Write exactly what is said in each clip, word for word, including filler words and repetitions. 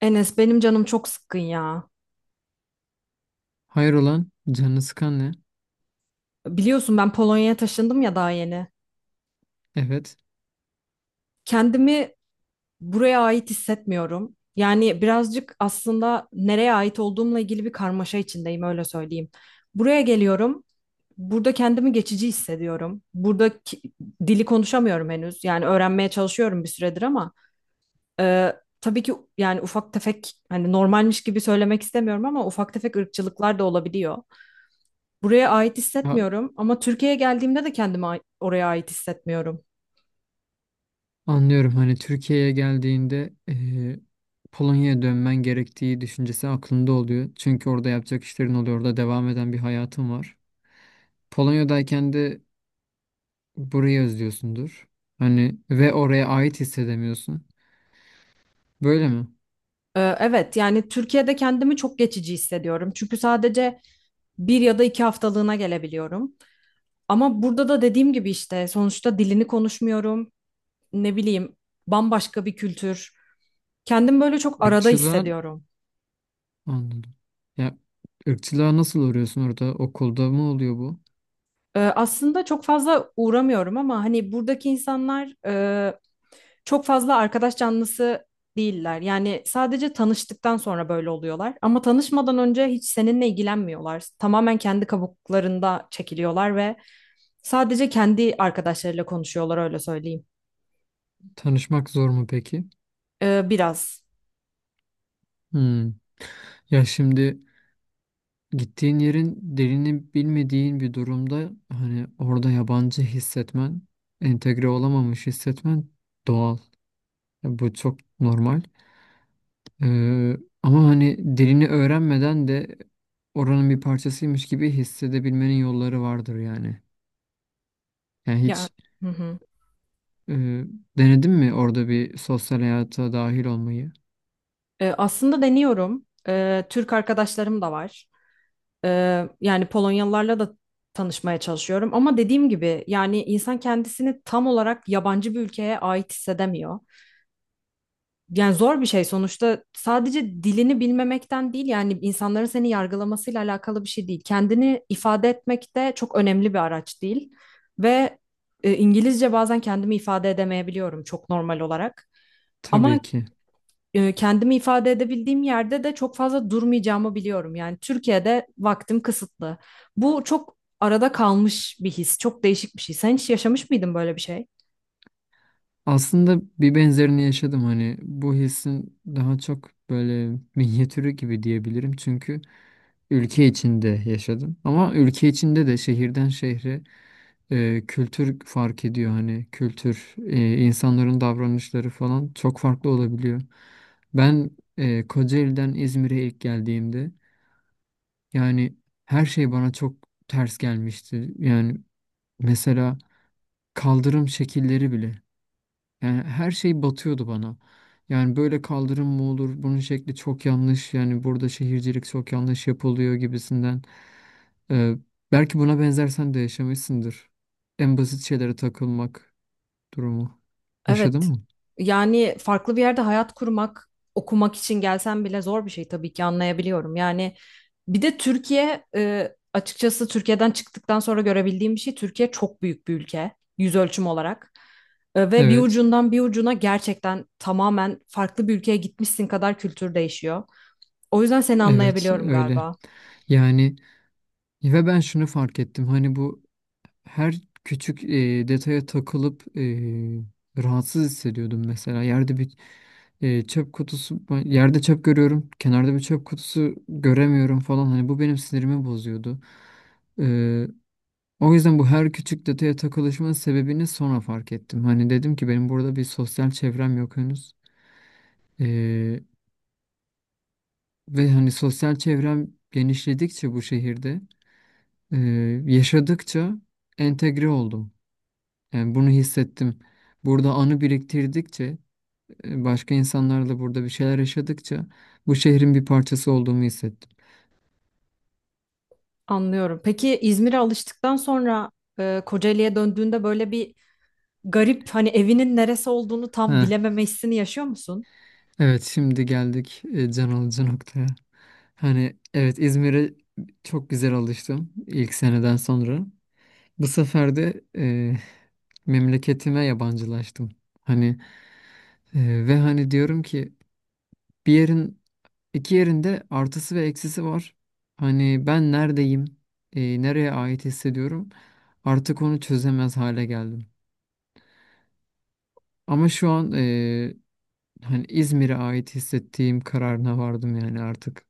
Enes benim canım çok sıkkın ya. Hayır olan canını sıkan ne? Biliyorsun ben Polonya'ya taşındım ya daha yeni. Evet. Kendimi buraya ait hissetmiyorum. Yani birazcık aslında nereye ait olduğumla ilgili bir karmaşa içindeyim öyle söyleyeyim. Buraya geliyorum. Burada kendimi geçici hissediyorum. Burada ki- dili konuşamıyorum henüz. Yani öğrenmeye çalışıyorum bir süredir ama e, tabii ki yani ufak tefek hani normalmiş gibi söylemek istemiyorum ama ufak tefek ırkçılıklar da olabiliyor. Buraya ait Ya, hissetmiyorum ama Türkiye'ye geldiğimde de kendimi a- oraya ait hissetmiyorum. anlıyorum hani Türkiye'ye geldiğinde eee, Polonya'ya dönmen gerektiği düşüncesi aklında oluyor. Çünkü orada yapacak işlerin oluyor. Orada devam eden bir hayatın var. Polonya'dayken de burayı özlüyorsundur. Hani ve oraya ait hissedemiyorsun. Böyle mi? Ee, Evet, yani Türkiye'de kendimi çok geçici hissediyorum. Çünkü sadece bir ya da iki haftalığına gelebiliyorum. Ama burada da dediğim gibi işte sonuçta dilini konuşmuyorum. Ne bileyim, bambaşka bir kültür. Kendimi böyle çok arada Irkçılığa hissediyorum. anladım. Ya, ırkçılığa nasıl uğruyorsun orada? Okulda mı oluyor bu? Ee, aslında çok fazla uğramıyorum ama hani buradaki insanlar e, çok fazla arkadaş canlısı değiller. Yani sadece tanıştıktan sonra böyle oluyorlar. Ama tanışmadan önce hiç seninle ilgilenmiyorlar. Tamamen kendi kabuklarında çekiliyorlar ve sadece kendi arkadaşlarıyla konuşuyorlar öyle söyleyeyim. Tanışmak zor mu peki? Ee, biraz. Hmm. Ya şimdi gittiğin yerin dilini bilmediğin bir durumda hani orada yabancı hissetmen, entegre olamamış hissetmen doğal. Ya, bu çok normal. Ee, Ama hani dilini öğrenmeden de oranın bir parçasıymış gibi hissedebilmenin yolları vardır yani. Yani Ya. hiç Hı hı. e, denedin mi orada bir sosyal hayata dahil olmayı? Ee, aslında deniyorum. Ee, Türk arkadaşlarım da var. Ee, yani Polonyalılarla da tanışmaya çalışıyorum. Ama dediğim gibi yani insan kendisini tam olarak yabancı bir ülkeye ait hissedemiyor. Yani zor bir şey sonuçta, sadece dilini bilmemekten değil, yani insanların seni yargılamasıyla alakalı bir şey değil. Kendini ifade etmek de çok önemli bir araç değil. Ve e, İngilizce bazen kendimi ifade edemeyebiliyorum, çok normal olarak. Ama Tabii ki. e, kendimi ifade edebildiğim yerde de çok fazla durmayacağımı biliyorum. Yani Türkiye'de vaktim kısıtlı. Bu çok arada kalmış bir his, çok değişik bir şey. Sen hiç yaşamış mıydın böyle bir şey? Aslında bir benzerini yaşadım hani bu hissin daha çok böyle minyatürü gibi diyebilirim çünkü ülke içinde yaşadım. Ama ülke içinde de şehirden şehre e, kültür fark ediyor. Hani kültür, e, insanların davranışları falan çok farklı olabiliyor. Ben e, Kocaeli'den İzmir'e ilk geldiğimde yani her şey bana çok ters gelmişti. Yani mesela kaldırım şekilleri bile. Yani her şey batıyordu bana. Yani böyle kaldırım mı olur? Bunun şekli çok yanlış. Yani burada şehircilik çok yanlış yapılıyor gibisinden. Ee, Belki buna benzer sen de yaşamışsındır. En basit şeylere takılmak durumu. Yaşadın Evet. mı? Yani farklı bir yerde hayat kurmak, okumak için gelsen bile zor bir şey, tabii ki anlayabiliyorum. Yani bir de Türkiye e, açıkçası Türkiye'den çıktıktan sonra görebildiğim bir şey, Türkiye çok büyük bir ülke yüz ölçüm olarak. E, ve bir Evet, ucundan bir ucuna gerçekten tamamen farklı bir ülkeye gitmişsin kadar kültür değişiyor. O yüzden seni evet anlayabiliyorum öyle. galiba. Yani ve ben şunu fark ettim. Hani bu her küçük e, detaya takılıp e, rahatsız hissediyordum mesela. Yerde bir e, çöp kutusu, ben yerde çöp görüyorum, kenarda bir çöp kutusu göremiyorum falan. Hani bu benim sinirimi bozuyordu. E, O yüzden bu her küçük detaya takılışmanın sebebini sonra fark ettim. Hani dedim ki benim burada bir sosyal çevrem yok henüz. E, Ve hani sosyal çevrem genişledikçe bu şehirde, e, yaşadıkça entegre oldum. Yani bunu hissettim. Burada anı biriktirdikçe, e, başka insanlarla burada bir şeyler yaşadıkça bu şehrin bir parçası olduğumu hissettim. Anlıyorum. Peki İzmir'e alıştıktan sonra e, Kocaeli'ye döndüğünde böyle bir garip, hani evinin neresi olduğunu tam Heh, bilememe hissini yaşıyor musun? evet şimdi geldik e, can alıcı noktaya. Hani evet İzmir'e çok güzel alıştım ilk seneden sonra. Bu sefer de e, memleketime yabancılaştım. Hani e, ve hani diyorum ki bir yerin İki yerinde artısı ve eksisi var. Hani ben neredeyim, e, nereye ait hissediyorum artık onu çözemez hale geldim. Ama şu an e, hani İzmir'e ait hissettiğim kararına vardım yani artık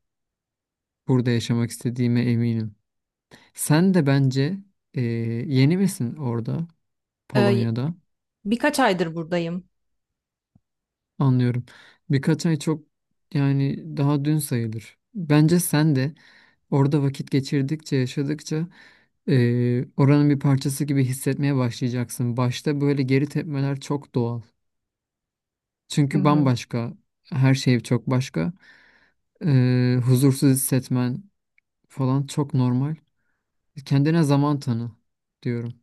burada yaşamak istediğime eminim. Sen de bence e, yeni misin orada E, Polonya'da? Birkaç aydır buradayım. Anlıyorum. Birkaç ay çok, yani daha dün sayılır. Bence sen de orada vakit geçirdikçe, yaşadıkça eee, oranın bir parçası gibi hissetmeye başlayacaksın. Başta böyle geri tepmeler çok doğal. Hı Çünkü hı. bambaşka, her şey çok başka. Eee, huzursuz hissetmen falan çok normal. Kendine zaman tanı diyorum.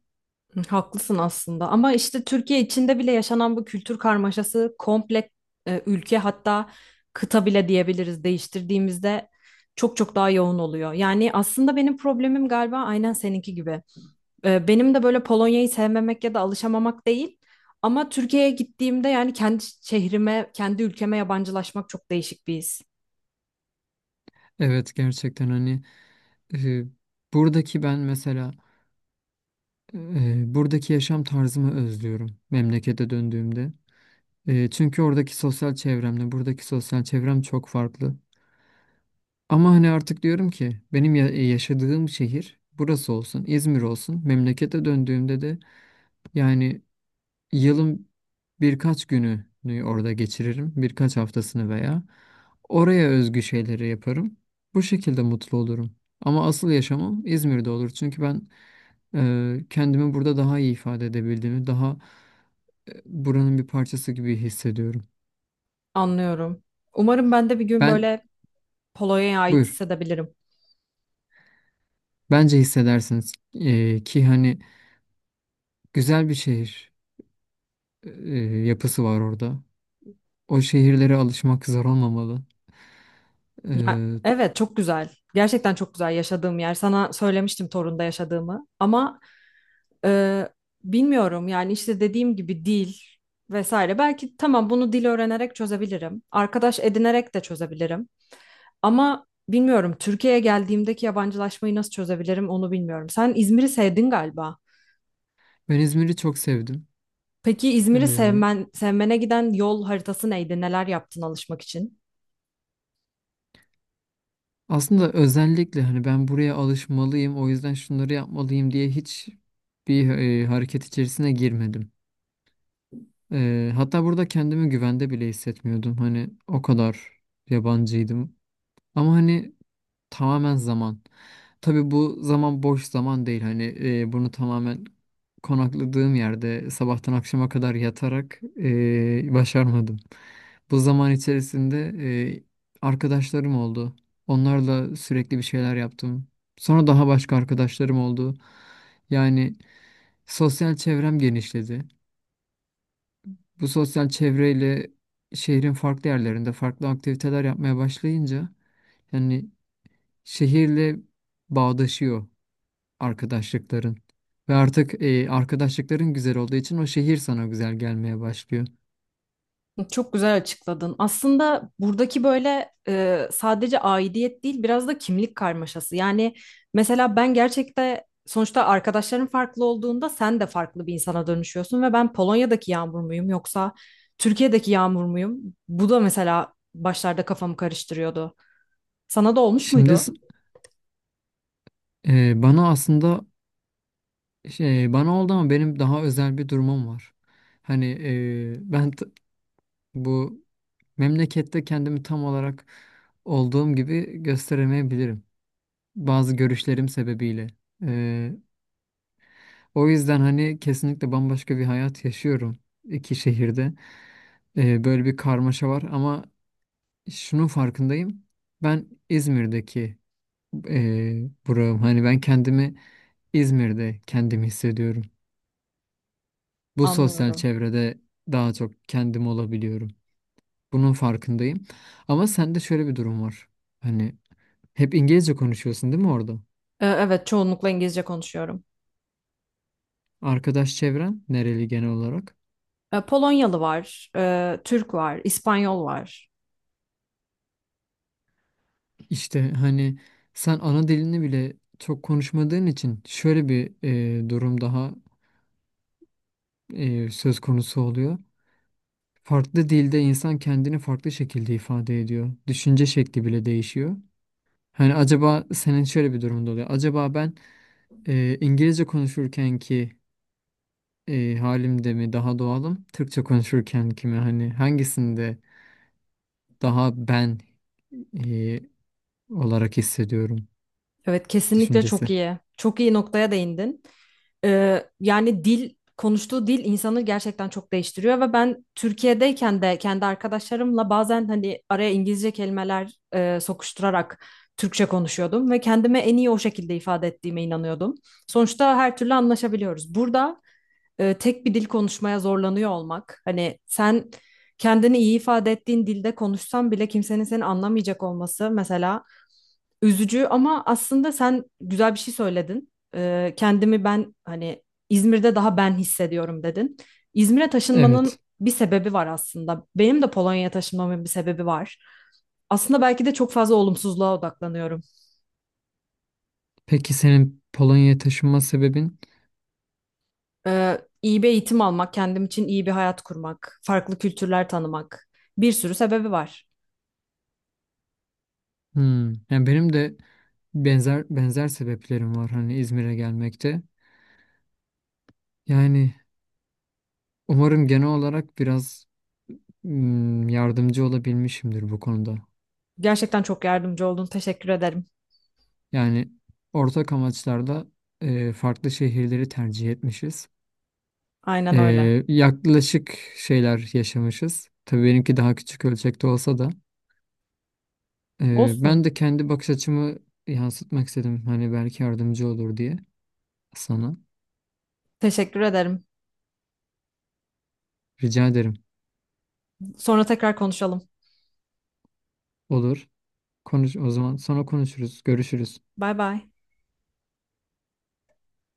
Hı, haklısın aslında, ama işte Türkiye içinde bile yaşanan bu kültür karmaşası komple e, ülke, hatta kıta bile diyebiliriz, değiştirdiğimizde çok çok daha yoğun oluyor. Yani aslında benim problemim galiba aynen seninki gibi. E, benim de böyle Polonya'yı sevmemek ya da alışamamak değil. Ama Türkiye'ye gittiğimde yani kendi şehrime, kendi ülkeme yabancılaşmak çok değişik bir his. Evet, gerçekten hani eee, buradaki ben mesela eee, buradaki yaşam tarzımı özlüyorum memlekete döndüğümde. Eee, çünkü oradaki sosyal çevremle buradaki sosyal çevrem çok farklı. Ama hani artık diyorum ki benim ya- yaşadığım şehir burası olsun, İzmir olsun. Memlekete döndüğümde de yani yılın birkaç gününü orada geçiririm, birkaç haftasını veya oraya özgü şeyleri yaparım. Bu şekilde mutlu olurum. Ama asıl yaşamım İzmir'de olur. Çünkü ben e, kendimi burada daha iyi ifade edebildiğimi, daha e, buranın bir parçası gibi hissediyorum. Anlıyorum. Umarım ben de bir gün Ben böyle Polonya'ya ait buyur. hissedebilirim. Bence hissedersiniz. E, ki hani güzel bir şehir. e, Yapısı var orada. O şehirlere alışmak zor olmamalı. Ya, E, evet, çok güzel. Gerçekten çok güzel yaşadığım yer. Sana söylemiştim Torun'da yaşadığımı. Ama e, bilmiyorum, yani işte dediğim gibi dil vesaire. Belki tamam, bunu dil öğrenerek çözebilirim. Arkadaş edinerek de çözebilirim. Ama bilmiyorum, Türkiye'ye geldiğimdeki yabancılaşmayı nasıl çözebilirim onu bilmiyorum. Sen İzmir'i sevdin galiba. ben İzmir'i çok sevdim. Peki İzmir'i E, sevmen, sevmene giden yol haritası neydi? Neler yaptın alışmak için? Aslında özellikle hani ben buraya alışmalıyım, o yüzden şunları yapmalıyım diye hiç bir e, hareket içerisine girmedim. E, hatta burada kendimi güvende bile hissetmiyordum. Hani o kadar yabancıydım. Ama hani tamamen zaman. Tabii bu zaman boş zaman değil. Hani e, bunu tamamen konakladığım yerde sabahtan akşama kadar yatarak e, başarmadım. Bu zaman içerisinde e, arkadaşlarım oldu. Onlarla sürekli bir şeyler yaptım. Sonra daha başka arkadaşlarım oldu. Yani sosyal çevrem genişledi. Bu sosyal çevreyle şehrin farklı yerlerinde farklı aktiviteler yapmaya başlayınca yani şehirle bağdaşıyor arkadaşlıkların. Ve artık e, arkadaşlıkların güzel olduğu için o şehir sana güzel gelmeye başlıyor. Çok güzel açıkladın. Aslında buradaki böyle e, sadece aidiyet değil, biraz da kimlik karmaşası. Yani mesela ben gerçekten sonuçta arkadaşların farklı olduğunda sen de farklı bir insana dönüşüyorsun ve ben Polonya'daki Yağmur muyum yoksa Türkiye'deki Yağmur muyum? Bu da mesela başlarda kafamı karıştırıyordu. Sana da olmuş Şimdi muydu? s- e, bana aslında şey, bana oldu ama benim daha özel bir durumum var. Hani e, ben t- bu memlekette kendimi tam olarak olduğum gibi gösteremeyebilirim. Bazı görüşlerim sebebiyle. E, O yüzden hani kesinlikle bambaşka bir hayat yaşıyorum iki şehirde. E, böyle bir karmaşa var ama şunun farkındayım. Ben İzmir'deki eee buram. Hani ben kendimi İzmir'de kendimi hissediyorum. Bu sosyal Anlıyorum. çevrede daha çok kendim olabiliyorum. Bunun farkındayım. Ama sende şöyle bir durum var. Hani hep İngilizce konuşuyorsun değil mi orada? E, Evet, çoğunlukla İngilizce konuşuyorum. Arkadaş çevren nereli genel olarak? E, Polonyalı var, e, Türk var, İspanyol var. İşte hani sen ana dilini bile çok konuşmadığın için şöyle bir eee, durum daha eee, söz konusu oluyor. Farklı dilde insan kendini farklı şekilde ifade ediyor. Düşünce şekli bile değişiyor. Hani acaba senin şöyle bir durumda oluyor. Acaba ben e, İngilizce konuşurken ki e, halimde mi daha doğalım? Türkçe konuşurken ki mi? Hani hangisinde daha ben e, olarak hissediyorum Evet, kesinlikle çok düşüncesi. iyi. Çok iyi noktaya değindin. E, yani dil, konuştuğu dil insanı gerçekten çok değiştiriyor ve ben Türkiye'deyken de kendi arkadaşlarımla bazen hani araya İngilizce kelimeler e, sokuşturarak Türkçe konuşuyordum ve kendime en iyi o şekilde ifade ettiğime inanıyordum. Sonuçta her türlü anlaşabiliyoruz. Burada e, tek bir dil konuşmaya zorlanıyor olmak. Hani sen kendini iyi ifade ettiğin dilde konuşsan bile kimsenin seni anlamayacak olması mesela üzücü, ama aslında sen güzel bir şey söyledin. E, kendimi ben hani İzmir'de daha ben hissediyorum dedin. İzmir'e taşınmanın Evet. bir sebebi var aslında. Benim de Polonya'ya taşınmamın bir sebebi var. Aslında belki de çok fazla olumsuzluğa odaklanıyorum. Peki senin Polonya'ya taşınma sebebin? Ee, iyi bir eğitim almak, kendim için iyi bir hayat kurmak, farklı kültürler tanımak, bir sürü sebebi var. Hmm. Yani benim de benzer benzer sebeplerim var hani İzmir'e gelmekte. Yani umarım genel olarak biraz mm, yardımcı olabilmişimdir bu konuda. Gerçekten çok yardımcı oldun. Teşekkür ederim. Yani ortak amaçlarda e, farklı şehirleri tercih etmişiz. Aynen E, öyle. Yaklaşık şeyler yaşamışız. Tabii benimki daha küçük ölçekte olsa da. e, Olsun. Ben de kendi bakış açımı yansıtmak istedim. Hani belki yardımcı olur diye sana. Teşekkür ederim. Rica ederim. Sonra tekrar konuşalım. Olur. Konuş o zaman, sonra konuşuruz, görüşürüz. Bay bay.